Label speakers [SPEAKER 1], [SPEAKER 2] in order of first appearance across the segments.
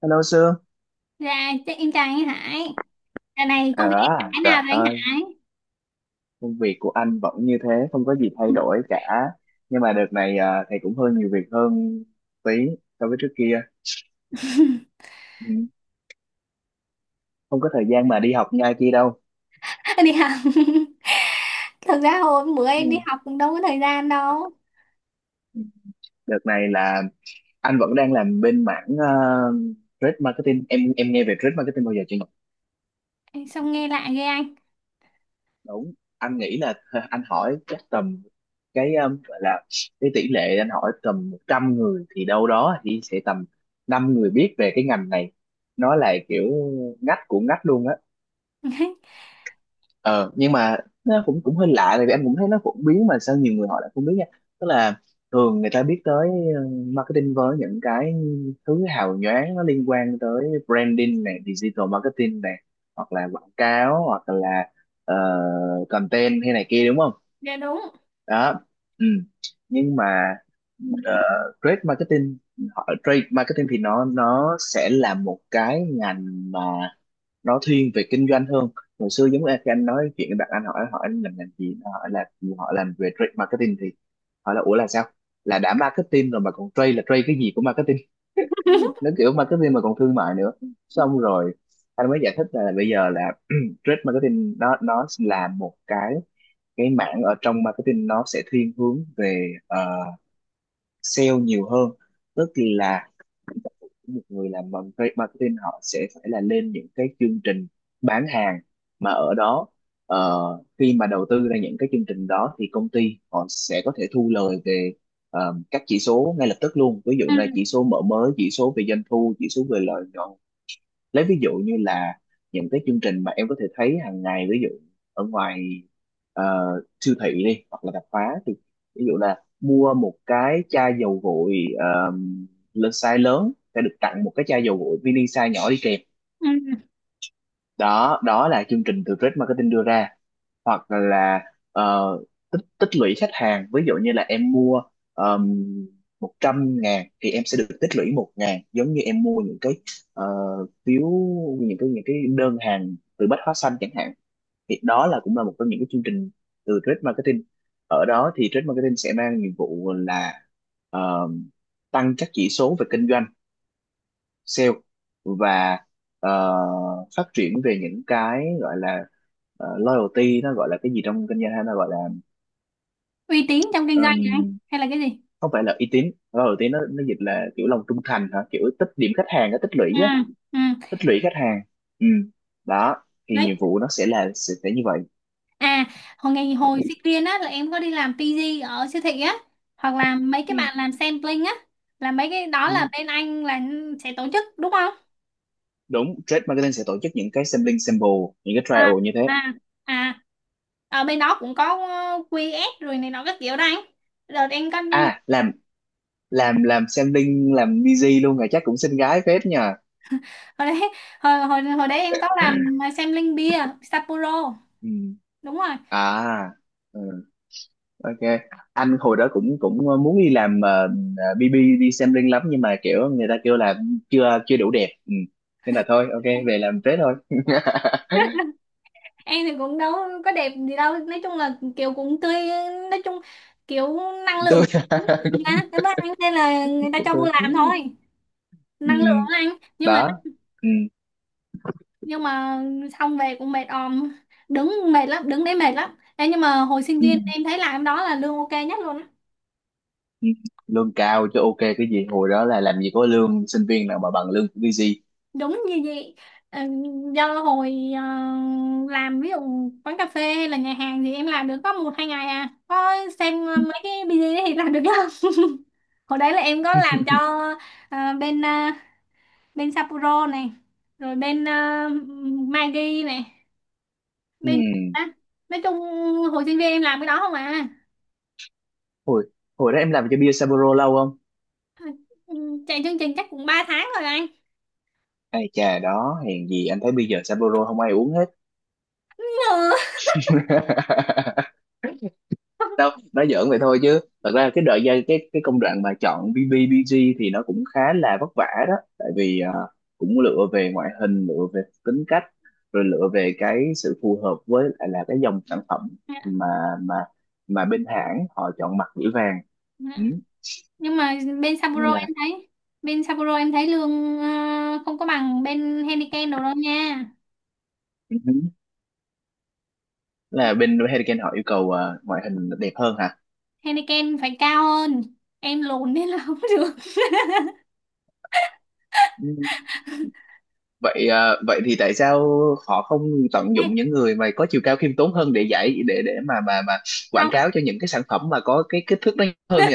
[SPEAKER 1] Hello Sương.
[SPEAKER 2] Dạ, chắc em chào anh Hải. Giờ này công việc anh
[SPEAKER 1] À,
[SPEAKER 2] Hải
[SPEAKER 1] Trời
[SPEAKER 2] nào rồi anh
[SPEAKER 1] ơi,
[SPEAKER 2] Hải?
[SPEAKER 1] công việc của anh vẫn như thế, không có gì thay đổi cả. Nhưng mà đợt này thầy cũng hơi nhiều việc hơn tí so với trước kia. Ừ. Không có thời gian mà đi học ngay kia đâu.
[SPEAKER 2] Đi học. Thực ra hồi bữa
[SPEAKER 1] Ừ.
[SPEAKER 2] em đi học cũng đâu có thời gian đâu.
[SPEAKER 1] Đợt này là anh vẫn đang làm bên mảng trade marketing. Em nghe về trade marketing bao giờ chưa?
[SPEAKER 2] Xong nghe lại ghê anh.
[SPEAKER 1] Đúng, anh nghĩ là anh hỏi chắc tầm cái gọi là cái tỷ lệ anh hỏi tầm 100 người thì đâu đó thì sẽ tầm 5 người biết về cái ngành này. Nó là kiểu ngách của ngách luôn á. Ờ nhưng mà nó cũng cũng hơi lạ tại vì anh cũng thấy nó phổ biến mà sao nhiều người họ lại không biết nha. Tức là thường người ta biết tới ờ, marketing với những cái thứ hào nhoáng, nó liên quan tới branding này, digital marketing này, hoặc là quảng cáo, hoặc là ờ, content hay này kia, đúng không?
[SPEAKER 2] Dạ đúng.
[SPEAKER 1] Đó. Ừ. Nhưng mà ờ, trade marketing, họ trade marketing thì nó sẽ là một cái ngành mà nó thiên về kinh doanh hơn. Hồi xưa giống như khi anh nói chuyện với bạn, anh hỏi hỏi anh làm ngành gì. Nó hỏi là gì? Họ làm về trade marketing thì hỏi là ủa là sao, là đã marketing rồi mà còn trade, là trade cái gì của marketing? Nó kiểu marketing mà còn thương mại nữa. Xong rồi anh mới giải thích là bây giờ là trade marketing nó là một cái mảng ở trong marketing, nó sẽ thiên hướng về sale nhiều hơn. Tức là một người làm marketing họ sẽ phải là lên những cái chương trình bán hàng mà ở đó, ờ, khi mà đầu tư ra những cái chương trình đó thì công ty họ sẽ có thể thu lời về các chỉ số ngay lập tức luôn, ví dụ
[SPEAKER 2] Ừ,
[SPEAKER 1] là chỉ số mở mới, chỉ số về doanh thu, chỉ số về lợi nhuận. Lấy ví dụ như là những cái chương trình mà em có thể thấy hàng ngày, ví dụ ở ngoài ờ, siêu thị đi, hoặc là tạp hóa, thì ví dụ là mua một cái chai dầu gội ờ, lớn, size lớn sẽ được tặng một cái chai dầu gội mini size nhỏ đi kèm.
[SPEAKER 2] ừ.
[SPEAKER 1] Đó, đó là chương trình từ Red Marketing đưa ra. Hoặc là ờ, tích tích lũy khách hàng, ví dụ như là em mua um, 100.000 thì em sẽ được tích lũy 1.000, giống như em mua những cái ờ, phiếu, những cái đơn hàng từ Bách Hóa Xanh chẳng hạn. Thì đó là cũng là một trong những cái chương trình từ trade marketing. Ở đó thì trade marketing sẽ mang nhiệm vụ là ờ, tăng các chỉ số về kinh doanh, sale, và ờ, phát triển về những cái gọi là loyalty. Nó gọi là cái gì trong kinh doanh, hay nó gọi là
[SPEAKER 2] Uy tín trong kinh doanh hả anh?
[SPEAKER 1] ừm,
[SPEAKER 2] Hay là cái gì?
[SPEAKER 1] không phải là uy tín, loyalty nó dịch là kiểu lòng trung thành hả, kiểu tích điểm khách hàng nó tích lũy
[SPEAKER 2] Ừ,
[SPEAKER 1] á,
[SPEAKER 2] ừ.
[SPEAKER 1] tích lũy khách hàng. Ừ. Đó thì
[SPEAKER 2] Đấy.
[SPEAKER 1] nhiệm vụ nó sẽ là sẽ như vậy.
[SPEAKER 2] À, hồi ngày hồi sinh viên á là em có đi làm PG ở siêu thị á. Hoặc là mấy cái
[SPEAKER 1] Ừ.
[SPEAKER 2] bạn làm sampling á. Là mấy cái đó là
[SPEAKER 1] Ừ,
[SPEAKER 2] bên anh là sẽ tổ chức đúng không?
[SPEAKER 1] đúng, trade marketing sẽ tổ chức những cái sampling, sample, những cái
[SPEAKER 2] À,
[SPEAKER 1] trial như thế.
[SPEAKER 2] à, à, ở bên đó cũng có QS rồi này nó các kiểu đó anh. Đợt em có
[SPEAKER 1] À, làm, làm sampling, làm busy luôn rồi, chắc cũng xinh gái phết nhờ.
[SPEAKER 2] hồi đấy, hồi hồi hồi đấy em có làm xem linh bia Sapporo,
[SPEAKER 1] Ừ.
[SPEAKER 2] đúng rồi.
[SPEAKER 1] À. Ừ. Ok, anh hồi đó cũng cũng muốn đi làm BB, đi xem riêng lắm, nhưng mà kiểu người ta kêu là chưa chưa đủ đẹp. Ừ. Nên là thôi, ok về làm thế thôi.
[SPEAKER 2] Em thì cũng đâu có đẹp gì đâu, nói chung là kiểu cũng tươi, nói chung kiểu năng lượng
[SPEAKER 1] Tôi
[SPEAKER 2] cũng tốt gì đó.
[SPEAKER 1] cũng
[SPEAKER 2] Cảm ơn anh nên là người ta
[SPEAKER 1] cũng
[SPEAKER 2] cho vô
[SPEAKER 1] tôi.
[SPEAKER 2] làm thôi,
[SPEAKER 1] Ừ.
[SPEAKER 2] năng lượng á anh. Nhưng mà,
[SPEAKER 1] Đó. Ừ.
[SPEAKER 2] nhưng mà xong về cũng mệt òm, đứng mệt lắm, đứng đấy mệt lắm. Ê, nhưng mà hồi sinh
[SPEAKER 1] Ừ.
[SPEAKER 2] viên em thấy làm đó là lương ok nhất luôn á.
[SPEAKER 1] Ừ. Lương cao chứ, ok cái gì, hồi đó là làm gì có lương sinh viên nào mà bằng lương của BG.
[SPEAKER 2] Đúng như vậy. Ờ, do hồi làm ví dụ quán cà phê hay là nhà hàng thì em làm được có một hai ngày à, có xem mấy cái video thì làm được lắm. Hồi đấy là em có làm cho bên bên Sapporo này, rồi bên Maggi này,
[SPEAKER 1] Ừ.
[SPEAKER 2] bên, à, nói chung hồi sinh viên em làm cái đó không à.
[SPEAKER 1] hồi hồi đó em làm cho bia Sapporo lâu không?
[SPEAKER 2] Ừ, chạy chương trình chắc cũng ba tháng rồi anh.
[SPEAKER 1] Ai chà, đó hèn gì anh thấy bây giờ Sapporo không ai uống hết. Đâu, nói giỡn vậy thôi, chứ thật ra cái đợi giai cái công đoạn mà chọn BBBG thì nó cũng khá là vất vả đó, tại vì cũng lựa về ngoại hình, lựa về tính cách, rồi lựa về cái sự phù hợp với lại là cái dòng sản phẩm mà mà mà bên hãng họ chọn mặt gửi vàng.
[SPEAKER 2] Ừ.
[SPEAKER 1] Ừ.
[SPEAKER 2] Nhưng mà bên
[SPEAKER 1] Nên
[SPEAKER 2] Sapporo
[SPEAKER 1] là
[SPEAKER 2] em thấy, bên Sapporo em thấy lương không có bằng bên Heineken đâu đâu nha.
[SPEAKER 1] ừ. Là bên Hurricane họ yêu cầu ngoại hình đẹp hơn hả?
[SPEAKER 2] Heineken phải cao hơn, em lùn nên là không được.
[SPEAKER 1] Ừ. Vậy à, vậy thì tại sao họ không tận
[SPEAKER 2] Ê,
[SPEAKER 1] dụng những người mà có chiều cao khiêm tốn hơn để giải để mà mà quảng
[SPEAKER 2] không,
[SPEAKER 1] cáo cho những cái sản phẩm mà có cái kích thước nó hơn nhỉ?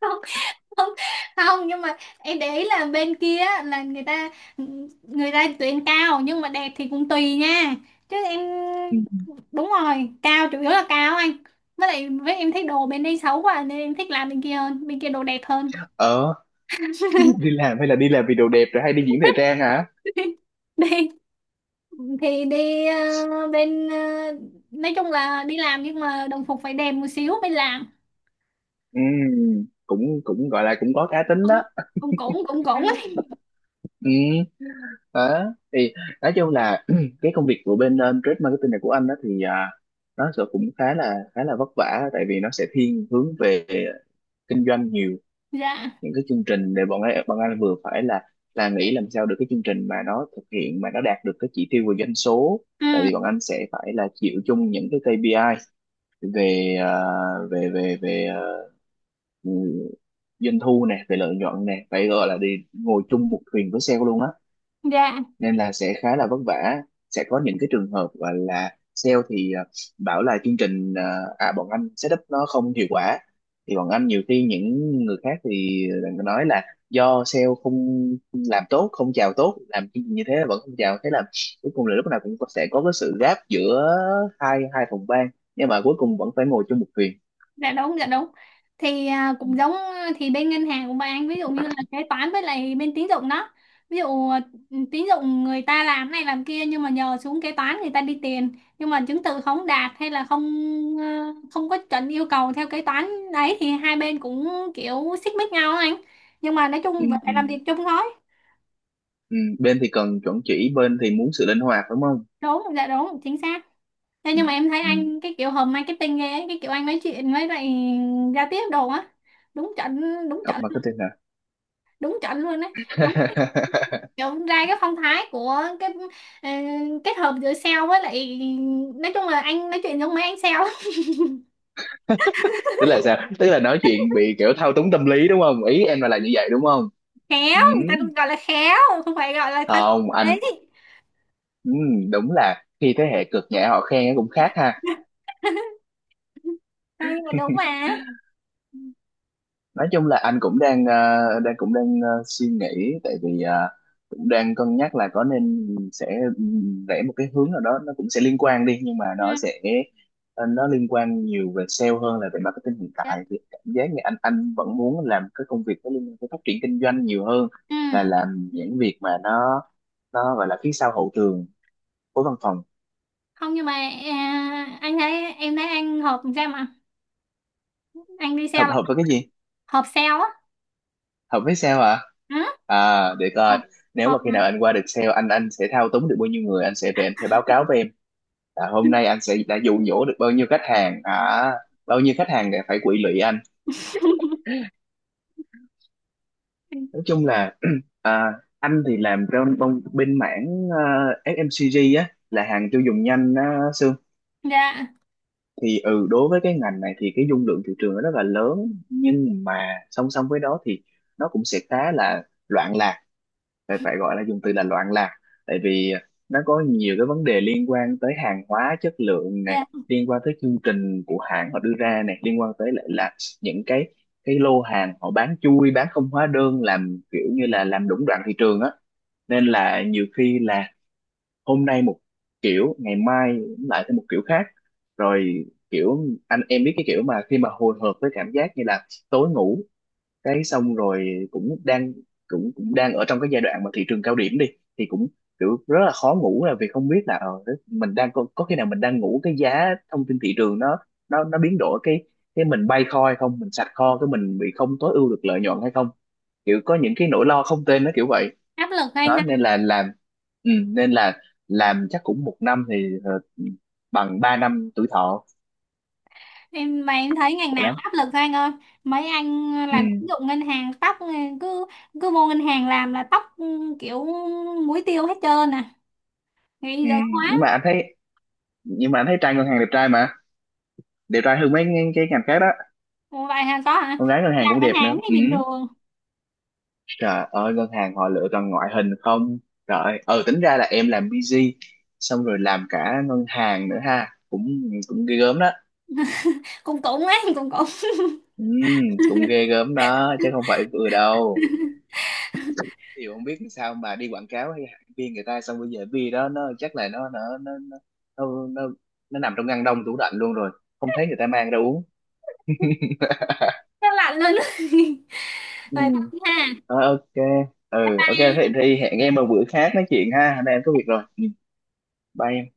[SPEAKER 2] không, không, không, nhưng mà em để ý là bên kia á, là người ta, người ta tuyển cao nhưng mà đẹp thì cũng tùy nha, chứ em.
[SPEAKER 1] Ừ.
[SPEAKER 2] Đúng rồi, cao chủ yếu là cao anh, với lại với em thích đồ bên đây xấu quá nên em thích làm bên kia hơn, bên kia đồ đẹp hơn.
[SPEAKER 1] Ờ, đi làm, hay là đi làm vì đồ đẹp rồi, hay đi diễn thời trang hả?
[SPEAKER 2] Đi, thì đi bên, nói chung là đi làm nhưng mà đồng phục phải đẹp một xíu mới làm.
[SPEAKER 1] Ừ, cũng cũng gọi là cũng có cá tính đó.
[SPEAKER 2] Cũng cũng cũng cũng ấy.
[SPEAKER 1] Ừ. Đó. Thì nói chung là cái công việc của bên trade marketing này của anh đó thì nó sẽ cũng khá là vất vả, tại vì nó sẽ thiên hướng về kinh doanh nhiều.
[SPEAKER 2] Dạ,
[SPEAKER 1] Những cái chương trình để bọn ấy bọn anh vừa phải là nghĩ làm sao được cái chương trình mà nó thực hiện mà nó đạt được cái chỉ tiêu về doanh số.
[SPEAKER 2] ừ,
[SPEAKER 1] Tại vì bọn anh sẽ phải là chịu chung những cái KPI về ờ, về về về ờ, ừ, doanh thu nè, về lợi nhuận nè, phải gọi là đi ngồi chung một thuyền với sale luôn á.
[SPEAKER 2] dạ,
[SPEAKER 1] Nên là sẽ khá là vất vả. Sẽ có những cái trường hợp gọi là sale thì bảo là chương trình bọn anh setup nó không hiệu quả, thì bọn anh nhiều khi những người khác thì nói là do sale không làm tốt, không chào tốt, làm chương trình như thế mà vẫn không chào. Thế là cuối cùng là lúc nào cũng sẽ có cái sự gap giữa hai hai phòng ban, nhưng mà cuối cùng vẫn phải ngồi chung một thuyền.
[SPEAKER 2] dạ đúng, dạ đúng. Thì à,
[SPEAKER 1] Ừ.
[SPEAKER 2] cũng giống à, thì bên ngân hàng của bạn ví dụ như là kế toán với lại bên tín dụng đó, ví dụ à, tín dụng người ta làm này làm kia nhưng mà nhờ xuống kế toán người ta đi tiền, nhưng mà chứng từ không đạt hay là không, à, không có chuẩn yêu cầu theo kế toán đấy thì hai bên cũng kiểu xích mích nhau á anh, nhưng mà nói
[SPEAKER 1] Ừ.
[SPEAKER 2] chung vẫn
[SPEAKER 1] Ừ.
[SPEAKER 2] phải làm việc chung thôi.
[SPEAKER 1] Ừ, bên thì cần chuẩn chỉ, bên thì muốn sự linh hoạt, đúng không?
[SPEAKER 2] Đúng, dạ đúng, chính xác. Thế
[SPEAKER 1] Ừ.
[SPEAKER 2] nhưng mà em thấy
[SPEAKER 1] Ừ.
[SPEAKER 2] anh cái kiểu hầm marketing ghê ấy, cái kiểu anh nói chuyện với lại giao tiếp đồ á, đúng chuẩn, đúng
[SPEAKER 1] Học
[SPEAKER 2] chuẩn,
[SPEAKER 1] marketing hả?
[SPEAKER 2] đúng chuẩn luôn đấy, đúng cái- kiểu ra cái phong thái của cái ờ, kết hợp giữa sale với lại, nói chung là anh nói chuyện giống mấy anh sale lắm.
[SPEAKER 1] Tức là sao, tức là nói chuyện bị kiểu thao túng tâm lý đúng không, ý em là như vậy đúng không?
[SPEAKER 2] Khéo,
[SPEAKER 1] Ừ,
[SPEAKER 2] người ta cũng gọi là khéo, không phải gọi là thật.
[SPEAKER 1] không anh.
[SPEAKER 2] Đấy.
[SPEAKER 1] Ừ, đúng là khi thế hệ cực nhẹ họ khen cũng khác ha.
[SPEAKER 2] Thôi nhưng mà đúng mà.
[SPEAKER 1] Nói chung là anh cũng đang đang cũng đang suy nghĩ, tại vì cũng đang cân nhắc là có nên sẽ rẽ một cái hướng nào đó, nó cũng sẽ liên quan đi, nhưng mà
[SPEAKER 2] Ừ.
[SPEAKER 1] nó sẽ nó liên quan nhiều về sale hơn là về marketing. Hiện
[SPEAKER 2] Đấy.
[SPEAKER 1] tại thì cảm giác như anh vẫn muốn làm cái công việc nó liên quan tới phát triển kinh doanh nhiều hơn
[SPEAKER 2] Ừ.
[SPEAKER 1] là làm những việc mà nó gọi là phía sau hậu trường của văn phòng.
[SPEAKER 2] Không nhưng mà, à, anh thấy em thấy anh hợp làm sao mà anh đi
[SPEAKER 1] Hợp,
[SPEAKER 2] sale là
[SPEAKER 1] hợp với cái gì?
[SPEAKER 2] hợp sale á.
[SPEAKER 1] Học biết sale hả?
[SPEAKER 2] Ừ.
[SPEAKER 1] À, để
[SPEAKER 2] hợp
[SPEAKER 1] coi. Nếu
[SPEAKER 2] hợp
[SPEAKER 1] mà khi nào anh qua được sale, anh sẽ thao túng được bao nhiêu người, anh sẽ về anh phải báo cáo với em. Là hôm nay anh sẽ đã dụ dỗ được bao nhiêu khách hàng, à, bao nhiêu khách hàng để phải quỵ lụy anh. Nói chung là à, anh thì làm trong bên mảng FMCG á, là hàng tiêu dùng nhanh á, Sương.
[SPEAKER 2] Dạ,
[SPEAKER 1] Thì ừ, đối với cái ngành này thì cái dung lượng thị trường nó rất là lớn, nhưng mà song song với đó thì nó cũng sẽ khá là loạn lạc, phải phải gọi là dùng từ là loạn lạc. Tại vì nó có nhiều cái vấn đề liên quan tới hàng hóa chất lượng
[SPEAKER 2] dạ,
[SPEAKER 1] này, liên quan tới chương trình của hãng họ đưa ra này, liên quan tới lại là những cái lô hàng họ bán chui bán không hóa đơn, làm kiểu như là làm lũng đoạn thị trường á. Nên là nhiều khi là hôm nay một kiểu, ngày mai lại thêm một kiểu khác. Rồi kiểu anh em biết cái kiểu mà khi mà hồi hộp với cảm giác như là tối ngủ cái xong rồi cũng đang cũng cũng đang ở trong cái giai đoạn mà thị trường cao điểm đi thì cũng kiểu rất là khó ngủ. Là vì không biết là mình đang có khi nào mình đang ngủ cái giá thông tin thị trường nó biến đổi, cái mình bay kho hay không, mình sạch kho cái mình bị không tối ưu được lợi nhuận hay không, kiểu có những cái nỗi lo không tên nó kiểu vậy.
[SPEAKER 2] áp lực anh
[SPEAKER 1] Đó
[SPEAKER 2] ha.
[SPEAKER 1] nên là làm, ừ, nên là làm chắc cũng 1 năm thì bằng 3 năm tuổi thọ
[SPEAKER 2] Em mà em thấy ngành
[SPEAKER 1] của
[SPEAKER 2] nào
[SPEAKER 1] lắm.
[SPEAKER 2] áp lực thôi anh ơi, mấy anh
[SPEAKER 1] Ừ.
[SPEAKER 2] làm tín dụng ngân hàng tóc cứ cứ vô ngân hàng làm là tóc, ừ, kiểu muối tiêu hết trơn à, nghĩ
[SPEAKER 1] Ừ.
[SPEAKER 2] dữ quá.
[SPEAKER 1] Nhưng mà anh thấy, nhưng mà anh thấy trai ngân hàng đẹp trai mà, đẹp trai hơn mấy cái ngành khác đó.
[SPEAKER 2] Ủa vậy hả, có hả?
[SPEAKER 1] Con gái ngân hàng
[SPEAKER 2] Làm
[SPEAKER 1] cũng
[SPEAKER 2] ngân
[SPEAKER 1] đẹp nữa.
[SPEAKER 2] hàng thì
[SPEAKER 1] Ừ.
[SPEAKER 2] bình thường.
[SPEAKER 1] Trời ơi, ngân hàng họ lựa toàn ngoại hình không. Trời ơi, ờ tính ra là em làm busy xong rồi làm cả ngân hàng nữa ha, cũng cũng ghê gớm đó.
[SPEAKER 2] Cũng cũng ấy. cũng cũng
[SPEAKER 1] Ừ, cũng ghê gớm đó chứ không phải vừa đâu. Thì không biết sao mà đi quảng cáo hay hãng viên người ta, xong bây giờ vi đó nó chắc là nó, nó, nó nằm trong ngăn đông tủ lạnh luôn rồi, không thấy người ta mang ra uống.
[SPEAKER 2] Nó lạnh luôn.
[SPEAKER 1] Ừ.
[SPEAKER 2] Vậy thôi ha.
[SPEAKER 1] Ờ, ok. Ừ ok, thế thì hẹn em một bữa khác nói chuyện ha, hôm nay em có việc rồi, bay.